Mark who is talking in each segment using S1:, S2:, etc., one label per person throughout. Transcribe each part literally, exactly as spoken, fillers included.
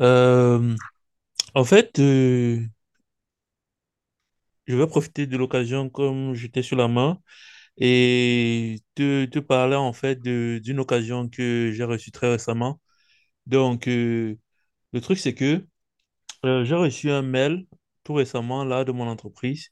S1: Euh, en fait, euh, je vais profiter de l'occasion comme j'étais sur la main et te, te parler en fait de- d'une occasion que j'ai reçue très récemment. Donc, euh, le truc, c'est que euh, j'ai reçu un mail tout récemment là de mon entreprise,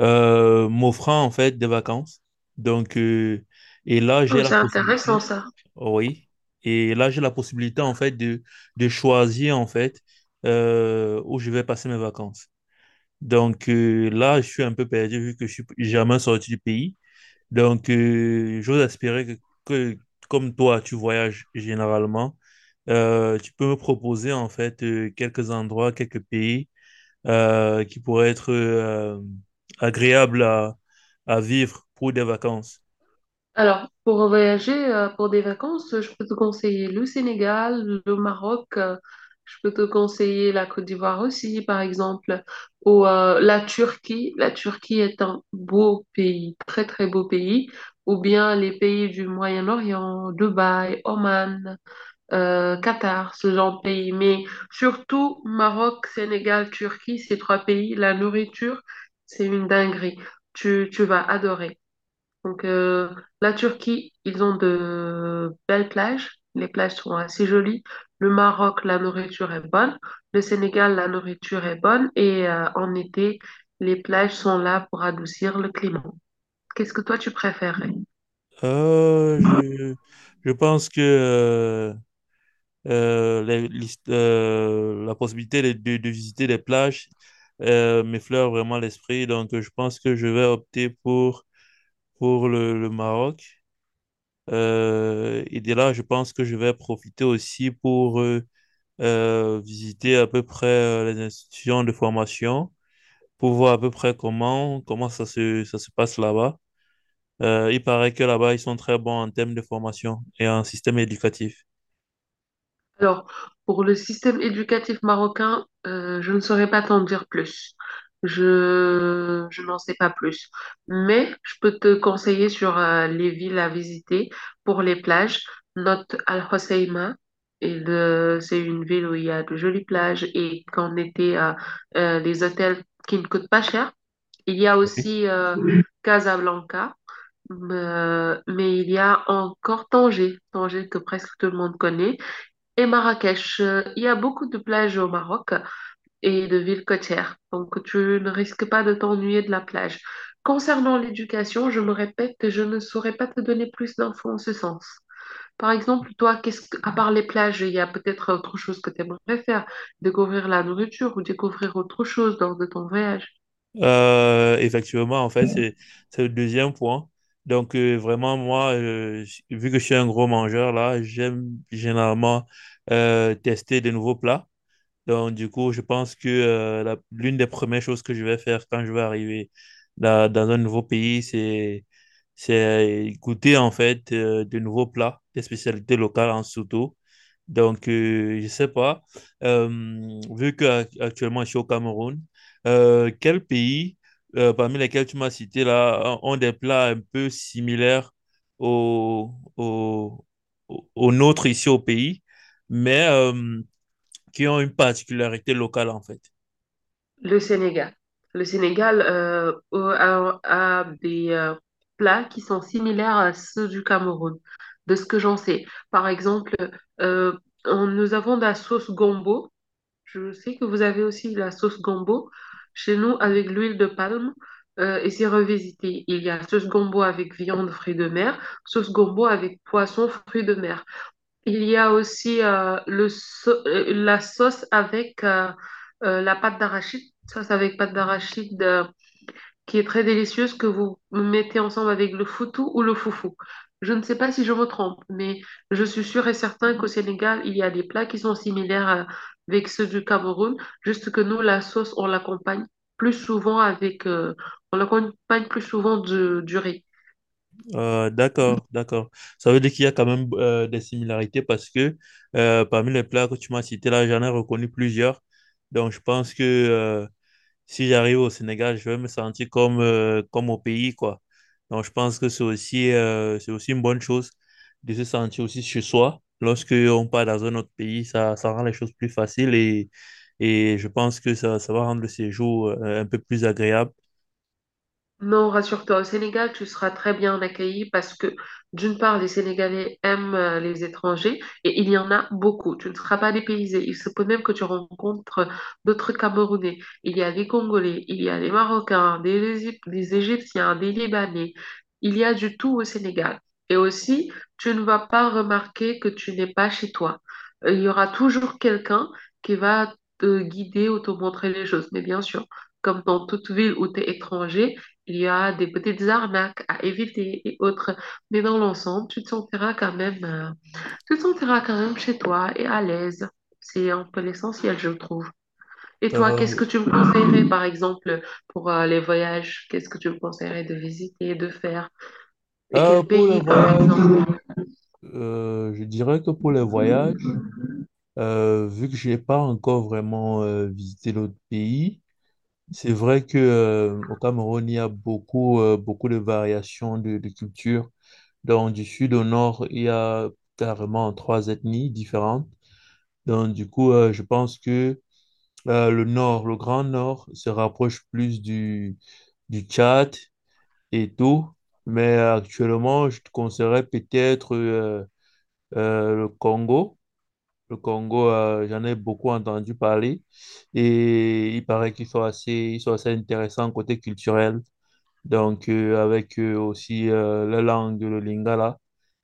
S1: euh, m'offrant en fait des vacances. Donc, euh, et là, j'ai
S2: Oh, c'est
S1: la
S2: intéressant
S1: possibilité,
S2: ça.
S1: Oh oui, et là, j'ai la possibilité en fait de, de choisir en fait euh, où je vais passer mes vacances. Donc euh, là, je suis un peu perdu vu que je suis jamais sorti du pays. Donc, euh, j'ose espérer que, que, comme toi, tu voyages généralement, euh, tu peux me proposer en fait euh, quelques endroits, quelques pays euh, qui pourraient être euh, agréables à, à vivre pour des vacances.
S2: Alors, pour voyager, euh, pour des vacances, je peux te conseiller le Sénégal, le Maroc, euh, je peux te conseiller la Côte d'Ivoire aussi, par exemple, ou euh, la Turquie. La Turquie est un beau pays, très très beau pays, ou bien les pays du Moyen-Orient, Dubaï, Oman, euh, Qatar, ce genre de pays. Mais surtout, Maroc, Sénégal, Turquie, ces trois pays, la nourriture, c'est une dinguerie. Tu, tu vas adorer. Donc, euh, la Turquie, ils ont de belles plages. Les plages sont assez jolies. Le Maroc, la nourriture est bonne. Le Sénégal, la nourriture est bonne. Et euh, en été, les plages sont là pour adoucir le climat. Qu'est-ce que toi, tu préférerais?
S1: Euh, je, je pense que euh, euh, les- l'hist- euh, la possibilité de, de- de visiter les plages euh, m'effleure vraiment l'esprit. Donc, euh, je pense que je vais opter pour, pour le, le Maroc. Euh, et de là, je pense que je vais profiter aussi pour euh, euh, visiter à peu près euh, les institutions de formation pour voir à peu près comment, comment ça se, ça se passe là-bas. Euh, il paraît que là-bas, ils sont très bons en termes de formation et en système éducatif.
S2: Alors, pour le système éducatif marocain, euh, je ne saurais pas t'en dire plus. Je, je n'en sais pas plus. Mais je peux te conseiller sur euh, les villes à visiter pour les plages. Note Al-Hoceima. Et le- c'est une ville où il y a de jolies plages et qu'en été, euh, euh, les hôtels qui ne coûtent pas cher. Il y a aussi euh, Casablanca, euh, mais il y a encore Tanger, Tanger que presque tout le monde connaît. Et Marrakech, euh, il y a beaucoup de plages au Maroc et de villes côtières, donc tu ne risques pas de t'ennuyer de la plage. Concernant l'éducation, je me répète que je ne saurais pas te donner plus d'infos en ce sens. Par exemple, toi, qu'est-ce que, à part les plages, il y a peut-être autre chose que tu aimerais faire, découvrir la nourriture ou découvrir autre chose lors de ton voyage.
S1: Euh, effectivement, en fait, c'est c'est le deuxième point. Donc, euh, vraiment, moi, euh, j- vu que je suis un gros mangeur, là, j'aime généralement euh, tester de nouveaux plats. Donc, du coup, je pense que euh, la- l'une des premières choses que je vais faire quand je vais arriver dans, dans un nouveau pays, c'est, c'est goûter en fait euh, de nouveaux plats, des spécialités locales en surtout. Donc, euh, je sais pas, euh, vu que ac- actuellement je suis au Cameroun, euh, quel pays euh, parmi lesquels tu m'as cité là ont ont des plats un peu similaires au, au, au au nôtre ici au pays? Mais euh, qui ont une particularité locale, en fait.
S2: Le Sénégal. Le Sénégal euh, a, a des euh, plats qui sont similaires à ceux du Cameroun, de ce que j'en sais. Par exemple, euh, on- nous avons de la sauce gombo. Je sais que vous avez aussi de la sauce gombo chez nous avec l'huile de palme euh, et c'est revisité. Il y a sauce gombo avec viande, fruits de mer, sauce gombo avec poisson, fruits de mer. Il y a aussi euh, le so- euh, la sauce avec euh, euh, la pâte d'arachide, sauce avec pâte d'arachide euh, qui est très délicieuse que vous mettez ensemble avec le foutou ou le foufou. Je ne sais pas si je me trompe, mais je suis sûre et certain qu'au Sénégal, il y a des plats qui sont similaires euh, avec ceux du Cameroun, juste que nous, la sauce, on l'accompagne plus souvent avec, euh, on l'accompagne plus souvent du, du riz.
S1: Euh, d'accord, d'accord. Ça veut dire qu'il y a quand même euh, des similarités parce que euh, parmi les plats que tu m'as cités là, j'en ai reconnu plusieurs. Donc je pense que euh, si j'arrive au Sénégal, je vais me sentir comme, euh, comme au pays, quoi. Donc, je pense que c'est aussi, euh, c'est aussi une bonne chose de se sentir aussi chez soi. Lorsque on part dans un autre pays, ça, ça rend les choses plus faciles et, et je pense que ça, ça va rendre le séjour euh, un peu plus agréable.
S2: Non, rassure-toi, au Sénégal, tu seras très bien accueilli parce que, d'une part, les Sénégalais aiment euh, les étrangers et il y en a beaucoup. Tu ne seras pas dépaysé. Il se peut même que tu rencontres euh, d'autres Camerounais. Il y a des Congolais, il y a des Marocains, des, Égyp- des Égyptiens, des Libanais. Il y a du tout au Sénégal. Et aussi, tu ne vas pas remarquer que tu n'es pas chez toi. Euh, Il y aura toujours quelqu'un qui va te guider ou te montrer les choses. Mais bien sûr, comme dans toute ville où tu es étranger, il y a des petites arnaques à éviter et autres, mais dans l'ensemble, tu te sentiras quand même, euh, tu te sentiras quand même chez toi et à l'aise. C'est un peu l'essentiel, je trouve. Et toi, qu'est-ce
S1: Euh,
S2: que tu me conseillerais, par exemple, pour euh, les voyages? Qu'est-ce que tu me conseillerais de visiter, de faire? Et
S1: euh,
S2: quel
S1: pour le
S2: pays, par
S1: voyage,
S2: exemple?
S1: euh, je dirais que pour le voyage, euh, vu que je n'ai pas encore vraiment euh, visité l'autre pays. C'est vrai que euh, au Cameroun, il y a beaucoup, euh, beaucoup de variations de, de culture. Donc, du sud au nord, il y a carrément trois ethnies différentes. Donc, du coup, euh, je pense que euh, le nord, le grand nord, se rapproche plus du, du Tchad et tout. Mais actuellement, je te conseillerais peut-être euh, euh, le Congo. Le Congo, euh, j'en ai beaucoup entendu parler et il paraît qu'ils sont assez, ils sont assez intéressants côté culturel. Donc, euh, avec euh, aussi euh, la langue, le lingala,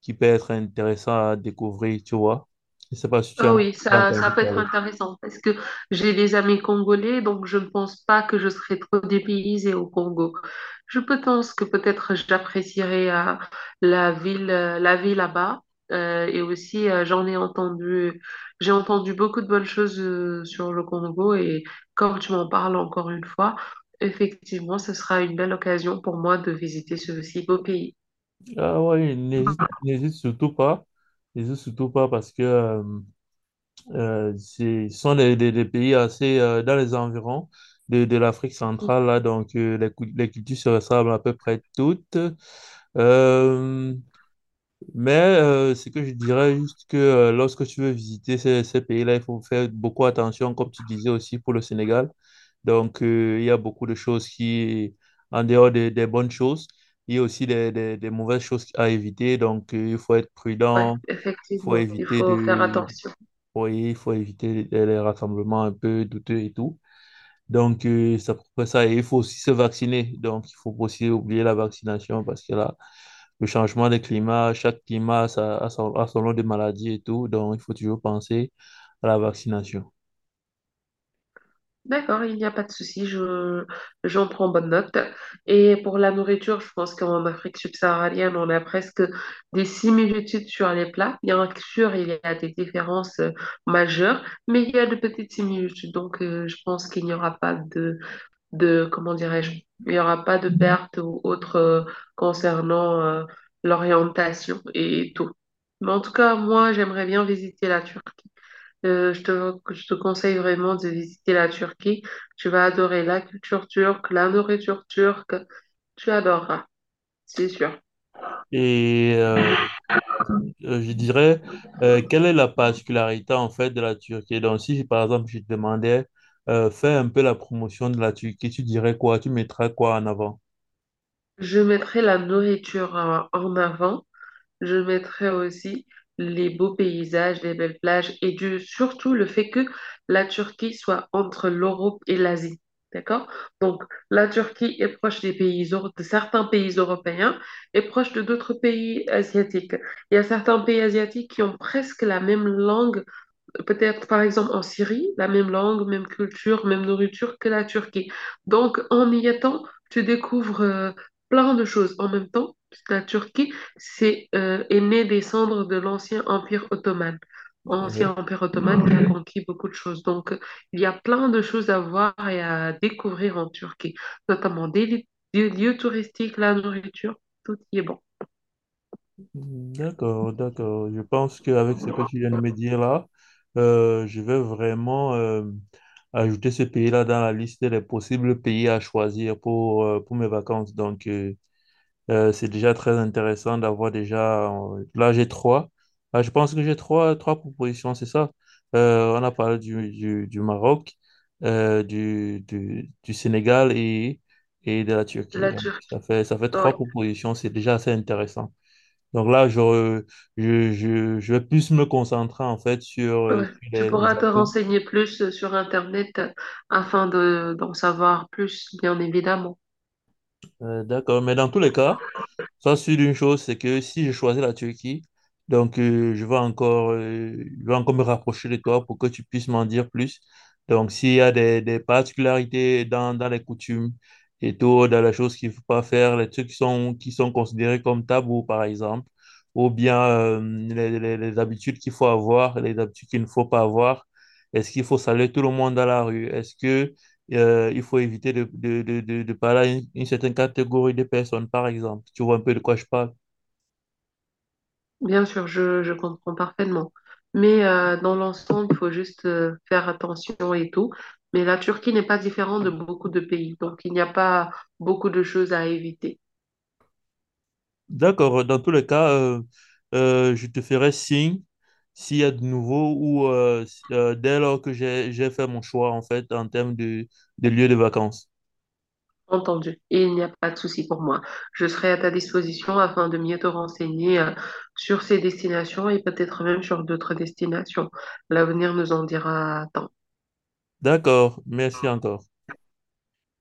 S1: qui peut être intéressant à découvrir, tu vois. Je ne sais pas si tu
S2: Ah
S1: en as
S2: oui,
S1: déjà
S2: ça, ça
S1: entendu
S2: peut être
S1: parler.
S2: intéressant parce que j'ai des amis congolais, donc je ne pense pas que je serai trop dépaysée au Congo. Je peux- pense que peut-être j'apprécierai euh, la ville, euh, la vie là-bas. Euh, et aussi, euh, j'en ai entendu, j'ai entendu beaucoup de bonnes choses euh, sur le Congo. Et comme tu m'en parles encore une fois, effectivement, ce sera une belle occasion pour moi de visiter ce si beau pays.
S1: Ah oui, n'hésite n'hésite surtout pas. N'hésite surtout pas parce que euh, euh, c'est- ce sont des, des- des pays assez euh, dans les environs de, de l'Afrique centrale, là, donc euh, les, cou- les cultures se ressemblent à peu près toutes. Euh, Mais euh, ce que je dirais juste que euh, lorsque tu veux visiter ces, ces pays-là, il faut faire beaucoup attention, comme tu disais aussi pour le Sénégal. Donc, euh, il y a beaucoup de choses qui, en dehors des, des bonnes choses, il y a aussi des, des- des mauvaises choses à éviter. Donc, euh, il faut être
S2: Ouais,
S1: prudent, il faut
S2: effectivement, il
S1: éviter
S2: faut faire
S1: de,
S2: attention.
S1: oui, il faut éviter les, les rassemblements un peu douteux et tout. Donc, euh, c'est à peu près ça. Et il faut aussi se vacciner. Donc, il faut aussi oublier la vaccination parce que là, le changement des climats, chaque climat a, sa- a son, a son lot de maladies et tout, donc il faut toujours penser à la vaccination.
S2: D'accord, il n'y a pas de souci, je, j'en prends bonne note. Et pour la nourriture, je pense qu'en Afrique subsaharienne, on a presque des similitudes sur les plats. Bien sûr, il y a des différences euh, majeures, mais il y a de petites similitudes. Donc, euh, je pense qu'il n'y aura pas de, de, comment dirais-je, il n'y aura pas de perte ou autre euh, concernant euh, l'orientation et tout. Mais en tout cas, moi, j'aimerais bien visiter la Turquie. Euh, je te, je te conseille vraiment de visiter la Turquie. Tu vas adorer la culture turque, la nourriture turque. Tu adoreras, c'est sûr.
S1: Et euh, euh, je dirais, euh, quelle est la particularité en fait de la Turquie? Donc si par exemple je te demandais, euh, fais un peu la promotion de la Turquie, tu dirais quoi? Tu mettrais quoi en avant?
S2: Je mettrai la nourriture euh, en avant. Je mettrais aussi les beaux paysages, les belles plages et du, surtout le fait que la Turquie soit entre l'Europe et l'Asie. D'accord? Donc, la Turquie est proche des pays, euro- de certains pays européens et proche de d'autres pays asiatiques. Il y a certains pays asiatiques qui ont presque la même langue peut-être par exemple en Syrie, la même langue, même culture, même nourriture que la Turquie. Donc en y étant, tu découvres euh, plein de choses en même temps. La Turquie c'est, euh, est née des cendres de l'ancien empire ottoman. Ancien
S1: Ok.
S2: empire ottoman qui a conquis beaucoup de choses. Donc euh, il y a plein de choses à voir et à découvrir en Turquie, notamment des, li- des lieux touristiques, la nourriture, tout y est bon.
S1: D'accord, d'accord. Je pense qu'avec ce que tu viens de me dire là, euh, je vais vraiment euh, ajouter ce pays-là dans la liste des possibles pays à choisir pour, euh, pour mes vacances. Donc, euh, euh, c'est déjà très intéressant d'avoir déjà... euh, là, j'ai trois. Ah, je pense que j'ai trois, trois propositions, c'est ça. Euh, on a parlé du, du, du Maroc, euh, du, du, du Sénégal et, et de la Turquie.
S2: La
S1: Donc,
S2: Turquie,
S1: ça fait, ça fait trois
S2: oui.
S1: propositions. C'est déjà assez intéressant. Donc là, je, je, je, je vais plus me concentrer en fait sur, euh,
S2: Ouais.
S1: sur
S2: Tu
S1: les, les
S2: pourras te
S1: atouts.
S2: renseigner plus euh, sur Internet euh, afin de, d'en savoir plus, bien évidemment.
S1: Euh, d'accord, mais dans tous les cas, sois sur une chose, c'est que si je choisis la Turquie, donc euh, je vais encore, euh, je vais encore me rapprocher de toi pour que tu puisses m'en dire plus. Donc s'il y a des, des particularités dans, dans les coutumes et tout, dans les choses qu'il ne faut pas faire, les trucs qui sont, qui sont considérés comme tabous, par exemple, ou bien euh, les, les- les habitudes qu'il faut avoir, les habitudes qu'il ne faut pas avoir. Est-ce qu'il faut saluer tout le monde dans la rue? Est-ce que euh, il faut éviter de, de, de, de, de parler à une, une certaine catégorie de personnes, par exemple. Tu vois un peu de quoi je parle.
S2: Bien sûr, je, je comprends parfaitement. Mais euh, dans l'ensemble, il faut juste euh, faire attention et tout. Mais la Turquie n'est pas différente de beaucoup de pays, donc il n'y a pas beaucoup de choses à éviter.
S1: D'accord, dans tous les cas, euh, euh, je te ferai signe s'il y a de nouveau ou euh, s- euh, dès lors que j'ai, j'ai fait mon choix, en fait, en termes de, de lieu de vacances.
S2: Entendu. Et il n'y a pas de souci pour moi. Je serai à ta disposition afin de mieux te renseigner euh, sur ces destinations et peut-être même sur d'autres destinations. L'avenir nous en dira tant.
S1: D'accord, merci encore.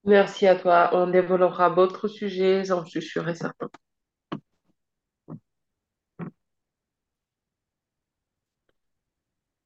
S2: Merci à toi. On développera d'autres sujets, j'en suis sûre et certaine.